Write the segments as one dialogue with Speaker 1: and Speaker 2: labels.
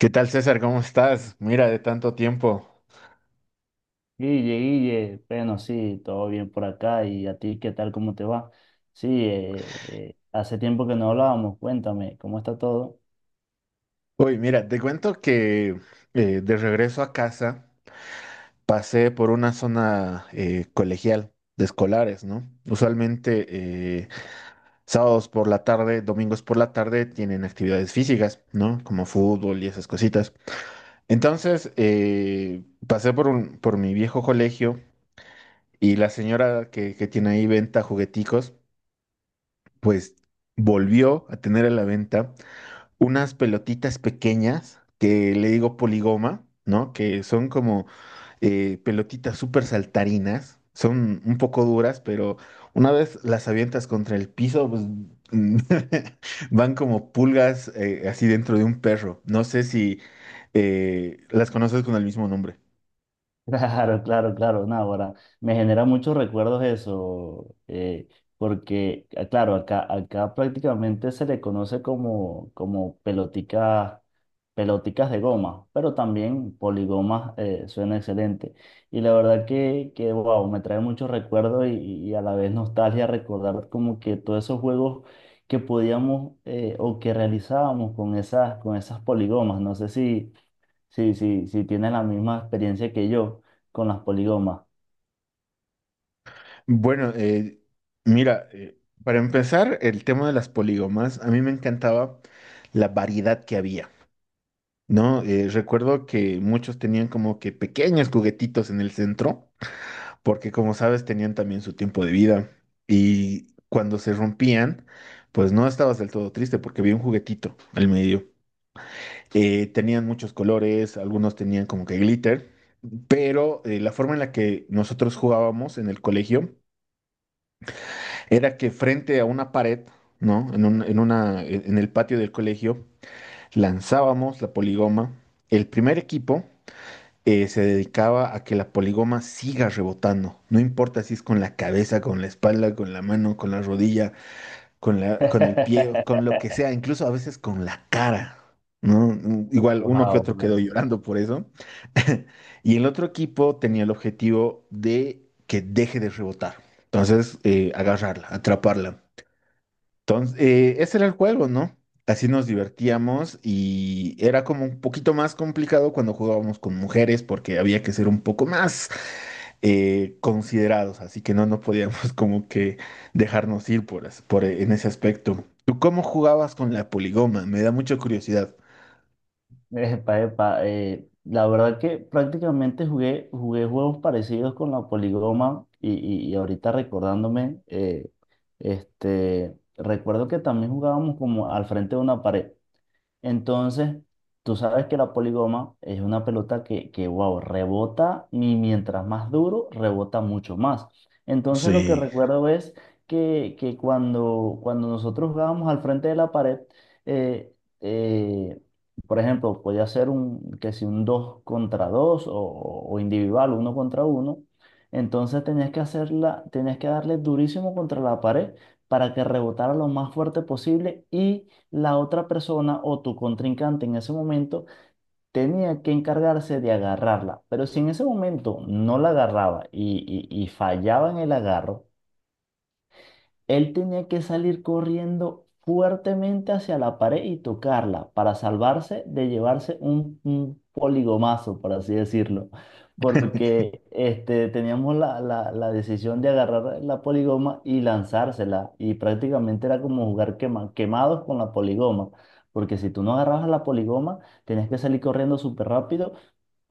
Speaker 1: ¿Qué tal, César? ¿Cómo estás? Mira, de tanto tiempo.
Speaker 2: Guille, Guille, bueno, sí, todo bien por acá. ¿Y a ti qué tal? ¿Cómo te va? Sí, hace tiempo que no hablábamos. Cuéntame, ¿cómo está todo?
Speaker 1: Uy, mira, te cuento que de regreso a casa pasé por una zona colegial de escolares, ¿no? Usualmente eh, sábados por la tarde, domingos por la tarde tienen actividades físicas, ¿no? Como fútbol y esas cositas. Entonces, pasé por por mi viejo colegio y la señora que tiene ahí venta jugueticos, pues volvió a tener a la venta unas pelotitas pequeñas que le digo poligoma, ¿no? Que son como pelotitas súper saltarinas, son un poco duras, pero una vez las avientas contra el piso, pues van como pulgas así dentro de un perro. No sé si las conoces con el mismo nombre.
Speaker 2: Claro, claro, claro, no, ahora me genera muchos recuerdos eso, porque, ah, claro, acá prácticamente se le conoce como, pelotica, peloticas de goma, pero también poligomas, suena excelente. Y la verdad que wow, me trae muchos recuerdos y a la vez nostalgia recordar como que todos esos juegos que podíamos, o que realizábamos con esas poligomas, no sé si. Sí, sí, sí, tiene la misma experiencia que yo con las poligomas.
Speaker 1: Bueno, mira, para empezar, el tema de las poligomas, a mí me encantaba la variedad que había. No, recuerdo que muchos tenían como que pequeños juguetitos en el centro, porque como sabes tenían también su tiempo de vida y cuando se rompían, pues no estabas del todo triste porque había un juguetito al medio. Tenían muchos colores, algunos tenían como que glitter, pero la forma en la que nosotros jugábamos en el colegio era que frente a una pared, ¿no? En en una, en el patio del colegio, lanzábamos la poligoma. El primer equipo se dedicaba a que la poligoma siga rebotando. No importa si es con la cabeza, con la espalda, con la mano, con la rodilla, con la, con el pie, con lo que sea, incluso a veces con la cara. ¿No? Igual uno que
Speaker 2: Wow,
Speaker 1: otro quedó
Speaker 2: man.
Speaker 1: llorando por eso. Y el otro equipo tenía el objetivo de que deje de rebotar. Entonces, agarrarla, atraparla. Entonces, ese era el juego, ¿no? Así nos divertíamos y era como un poquito más complicado cuando jugábamos con mujeres porque había que ser un poco más considerados, así que no, no podíamos como que dejarnos ir por, por en ese aspecto. ¿Tú cómo jugabas con la poligoma? Me da mucha curiosidad.
Speaker 2: Epa, epa, la verdad que prácticamente jugué juegos parecidos con la poligoma y ahorita recordándome, este, recuerdo que también jugábamos como al frente de una pared. Entonces, tú sabes que la poligoma es una pelota que, wow, rebota y mientras más duro, rebota mucho más. Entonces, lo que
Speaker 1: Sí.
Speaker 2: recuerdo es que, cuando nosotros jugábamos al frente de la pared, eh, eh, por ejemplo, podía ser un, que si un 2 contra 2 o individual, uno contra uno, entonces tenías que hacerla, tenías que darle durísimo contra la pared para que rebotara lo más fuerte posible y la otra persona o tu contrincante en ese momento tenía que encargarse de agarrarla. Pero si en ese momento no la agarraba y fallaba en el agarro, él tenía que salir corriendo fuertemente hacia la pared y tocarla para salvarse de llevarse un, poligomazo, por así decirlo. Porque este, teníamos la decisión de agarrar la poligoma y lanzársela. Y prácticamente era como jugar quemados con la poligoma. Porque si tú no agarrabas la poligoma, tenías que salir corriendo súper rápido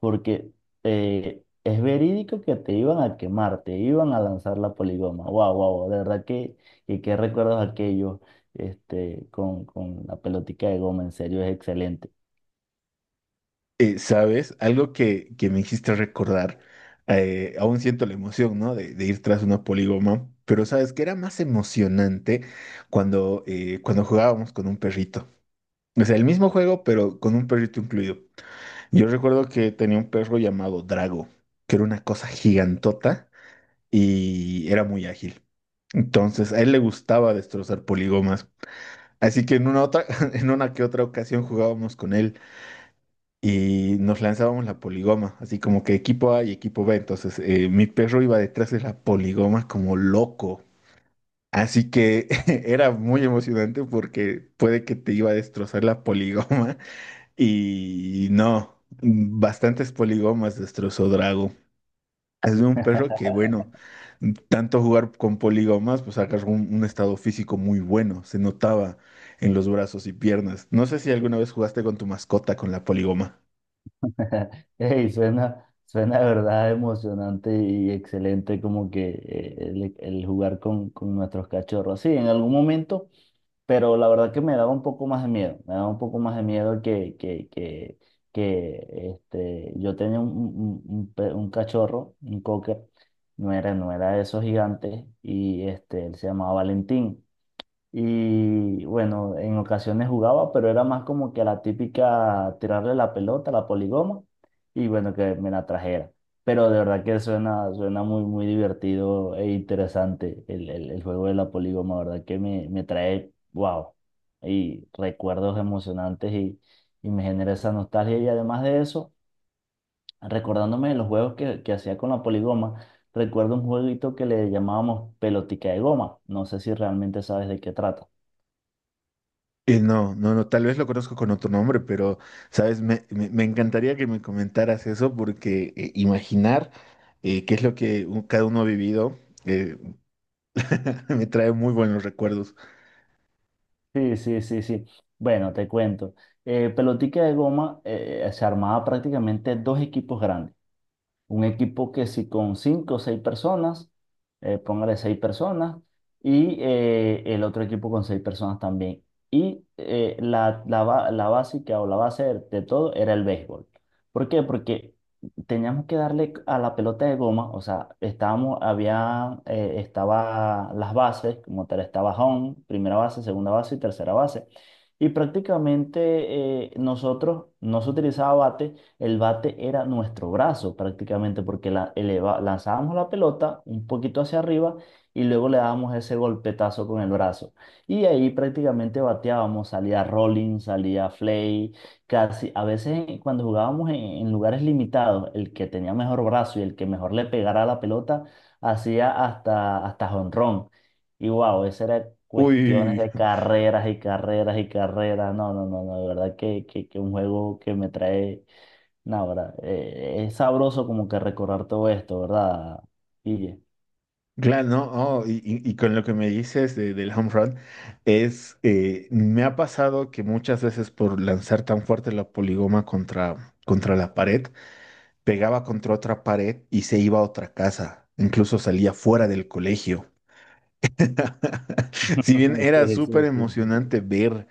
Speaker 2: porque es verídico que te iban a quemar, te iban a lanzar la poligoma. Wow, wow, de verdad que, qué recuerdos aquellos este, con la pelotica de goma, en serio, es excelente.
Speaker 1: ¿Sabes? Algo que me hiciste recordar, aún siento la emoción, ¿no? De ir tras una polígoma, pero ¿sabes que era más emocionante cuando, cuando jugábamos con un perrito? O sea, el mismo juego, pero con un perrito incluido. Yo recuerdo que tenía un perro llamado Drago, que era una cosa gigantota y era muy ágil. Entonces, a él le gustaba destrozar polígomas. Así que en una otra, en una que otra ocasión jugábamos con él y nos lanzábamos la poligoma, así como que equipo A y equipo B. Entonces, mi perro iba detrás de la poligoma como loco. Así que era muy emocionante porque puede que te iba a destrozar la poligoma y no, bastantes poligomas destrozó Drago. Es de un perro que, bueno, tanto jugar con poligomas, pues agarró un estado físico muy bueno, se notaba en los brazos y piernas. No sé si alguna vez jugaste con tu mascota con la poligoma.
Speaker 2: Ey, suena de verdad emocionante y excelente como que el, jugar con nuestros cachorros. Sí, en algún momento. Pero la verdad que me daba un poco más de miedo, me daba un poco más de miedo que, que este, yo tenía un, un cachorro, un cocker, no era de esos gigantes, y este, él se llamaba Valentín. Y bueno, en ocasiones jugaba, pero era más como que la típica tirarle la pelota, la poligoma, y bueno, que me la trajera. Pero de verdad que suena muy, muy divertido e interesante el, el, juego de la poligoma, ¿verdad? Que me, trae, wow, y recuerdos emocionantes y me genera esa nostalgia. Y además de eso, recordándome de los juegos que hacía con la poligoma, recuerdo un jueguito que le llamábamos pelotica de goma. No sé si realmente sabes de qué trata.
Speaker 1: No, no, no, tal vez lo conozco con otro nombre, pero, sabes, me, me encantaría que me comentaras eso porque imaginar qué es lo que cada uno ha vivido eh, me trae muy buenos recuerdos.
Speaker 2: Sí, sí, sí, sí. Bueno, te cuento. Pelotica de goma, se armaba prácticamente dos equipos grandes. Un equipo que si con cinco o seis personas, póngale seis personas, y el otro equipo con seis personas también. Y la básica o la base de todo era el béisbol. ¿Por qué? Porque teníamos que darle a la pelota de goma, o sea, estábamos, había, estaba las bases, como tal, estaba home, primera base, segunda base y tercera base. Y prácticamente nosotros no se utilizaba bate, el bate era nuestro brazo prácticamente, porque lanzábamos la pelota un poquito hacia arriba y luego le dábamos ese golpetazo con el brazo. Y ahí prácticamente bateábamos, salía rolling, salía flay, casi a veces cuando jugábamos en, lugares limitados, el que tenía mejor brazo y el que mejor le pegara a la pelota hacía hasta jonrón. Y wow, esa era cuestiones
Speaker 1: Uy,
Speaker 2: de carreras y carreras y carreras. No, no, no, no, de verdad que, que un juego que me trae. No, ¿verdad? Es sabroso como que recordar todo esto, ¿verdad, Guille?
Speaker 1: claro, ¿no? Oh, y, y con lo que me dices del home run, es, me ha pasado que muchas veces por lanzar tan fuerte la poligoma contra, contra la pared, pegaba contra otra pared y se iba a otra casa, incluso salía fuera del colegio. Si bien era
Speaker 2: Sí,
Speaker 1: súper
Speaker 2: sí, sí, sí.
Speaker 1: emocionante ver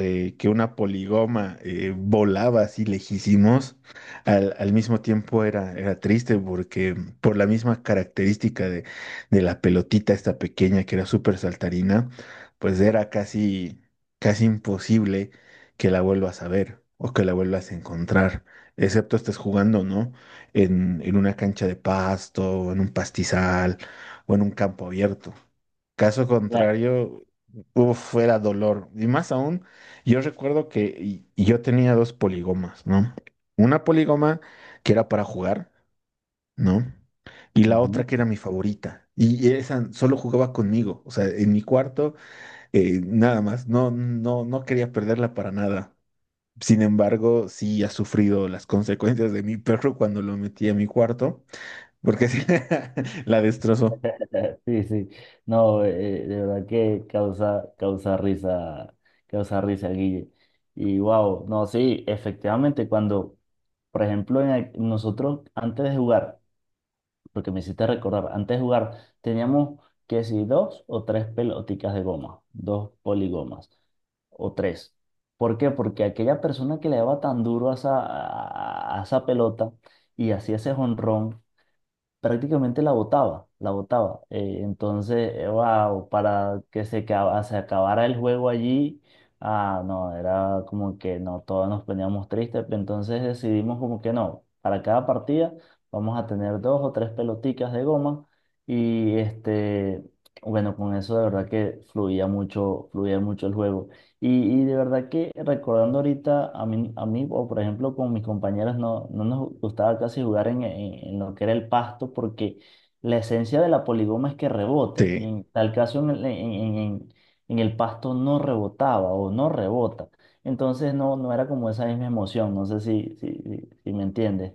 Speaker 1: que una poligoma volaba así lejísimos, al, al mismo tiempo era, era triste porque por la misma característica de la pelotita esta pequeña que era súper saltarina, pues era casi, casi imposible que la vuelvas a ver o que la vuelvas a encontrar, excepto estés jugando, ¿no? En una cancha de pasto, en un pastizal o en un campo abierto. Caso
Speaker 2: La-
Speaker 1: contrario, uf, fuera dolor. Y más aún, yo recuerdo que y yo tenía dos poligomas, ¿no? Una poligoma que era para jugar, ¿no? Y la
Speaker 2: Ujú.
Speaker 1: otra que era mi favorita. Y esa solo jugaba conmigo, o sea, en mi cuarto, nada más. No, no, no quería perderla para nada. Sin embargo, sí ha sufrido las consecuencias de mi perro cuando lo metí a mi cuarto, porque la destrozó.
Speaker 2: Sí, sí. No, de verdad que causa risa, causa risa, Guille. Y wow, no, sí, efectivamente, cuando, por ejemplo, nosotros antes de jugar, porque me hiciste recordar, antes de jugar teníamos que si dos o tres peloticas de goma, dos poligomas o tres. ¿Por qué? Porque aquella persona que le daba tan duro a esa pelota y hacía ese jonrón, prácticamente la botaba, la botaba. Entonces, wow, para que se acabara el juego allí, ah, no, era como que no, todos nos poníamos tristes, entonces decidimos como que no, para cada partida vamos a tener dos o tres peloticas de goma y este, bueno, con eso de verdad que fluía mucho el juego. Y, y de verdad que recordando ahorita a mí, o por ejemplo con mis compañeros, no, no nos gustaba casi jugar en, en lo que era el pasto porque la esencia de la poligoma es que rebote. Y
Speaker 1: Sí.
Speaker 2: en tal caso en el pasto no rebotaba o no rebota. Entonces no, no era como esa misma emoción. No sé si, si, si, si me entiendes.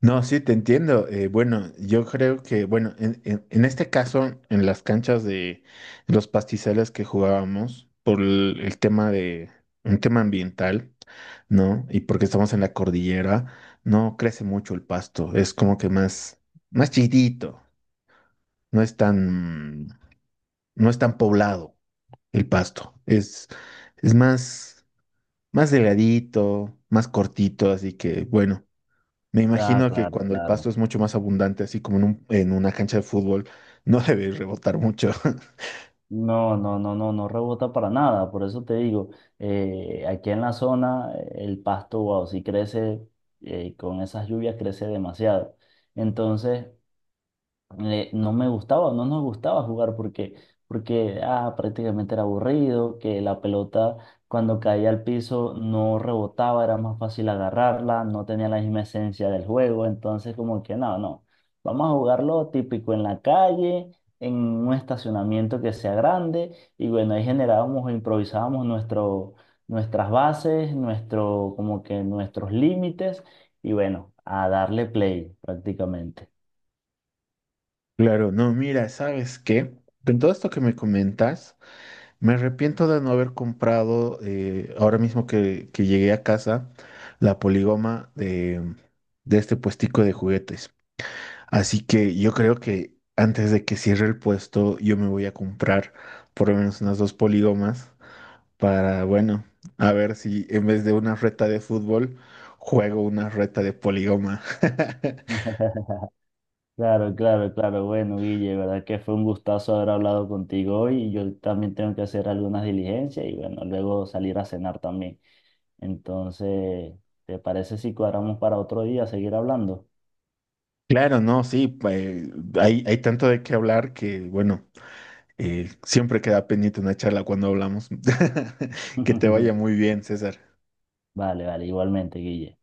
Speaker 1: No, sí, te entiendo. Bueno, yo creo que, bueno, en, en este caso, en las canchas de los pastizales que jugábamos, por el tema de, un tema ambiental, ¿no? Y porque estamos en la cordillera, no crece mucho el pasto, es como que más, más chiquitito, no es tan, no es tan poblado el pasto, es más, más delgadito, más cortito, así que, bueno. Me
Speaker 2: Ah,
Speaker 1: imagino que
Speaker 2: claro,
Speaker 1: cuando el
Speaker 2: claro.
Speaker 1: pasto es mucho más abundante, así como en en una cancha de fútbol, no debe rebotar mucho.
Speaker 2: No, no, no, no, no rebota para nada. Por eso te digo, aquí en la zona el pasto, wow, si crece con esas lluvias crece demasiado. Entonces, no me gustaba, no nos gustaba jugar porque, ah, prácticamente era aburrido, que la pelota cuando caía al piso no rebotaba, era más fácil agarrarla, no tenía la misma esencia del juego, entonces como que no, no, vamos a jugarlo típico en la calle, en un estacionamiento que sea grande y bueno, ahí generábamos e improvisábamos nuestro, nuestras bases, nuestro, como que nuestros límites y bueno, a darle play prácticamente.
Speaker 1: Claro, no, mira, ¿sabes qué? Con todo esto que me comentas, me arrepiento de no haber comprado, ahora mismo que llegué a casa, la poligoma de este puestico de juguetes. Así que yo creo que antes de que cierre el puesto, yo me voy a comprar por lo menos unas 2 poligomas para, bueno, a ver si en vez de una reta de fútbol, juego una reta de poligoma.
Speaker 2: Claro, claro, claro. Bueno, Guille, verdad que fue un gustazo haber hablado contigo hoy. Yo también tengo que hacer algunas diligencias y bueno, luego salir a cenar también. Entonces, ¿te parece si cuadramos para otro día seguir hablando?
Speaker 1: Claro, no, sí, hay, hay tanto de qué hablar que, bueno, siempre queda pendiente una charla cuando hablamos. Que te vaya muy bien, César.
Speaker 2: Vale, vale, igualmente, Guille.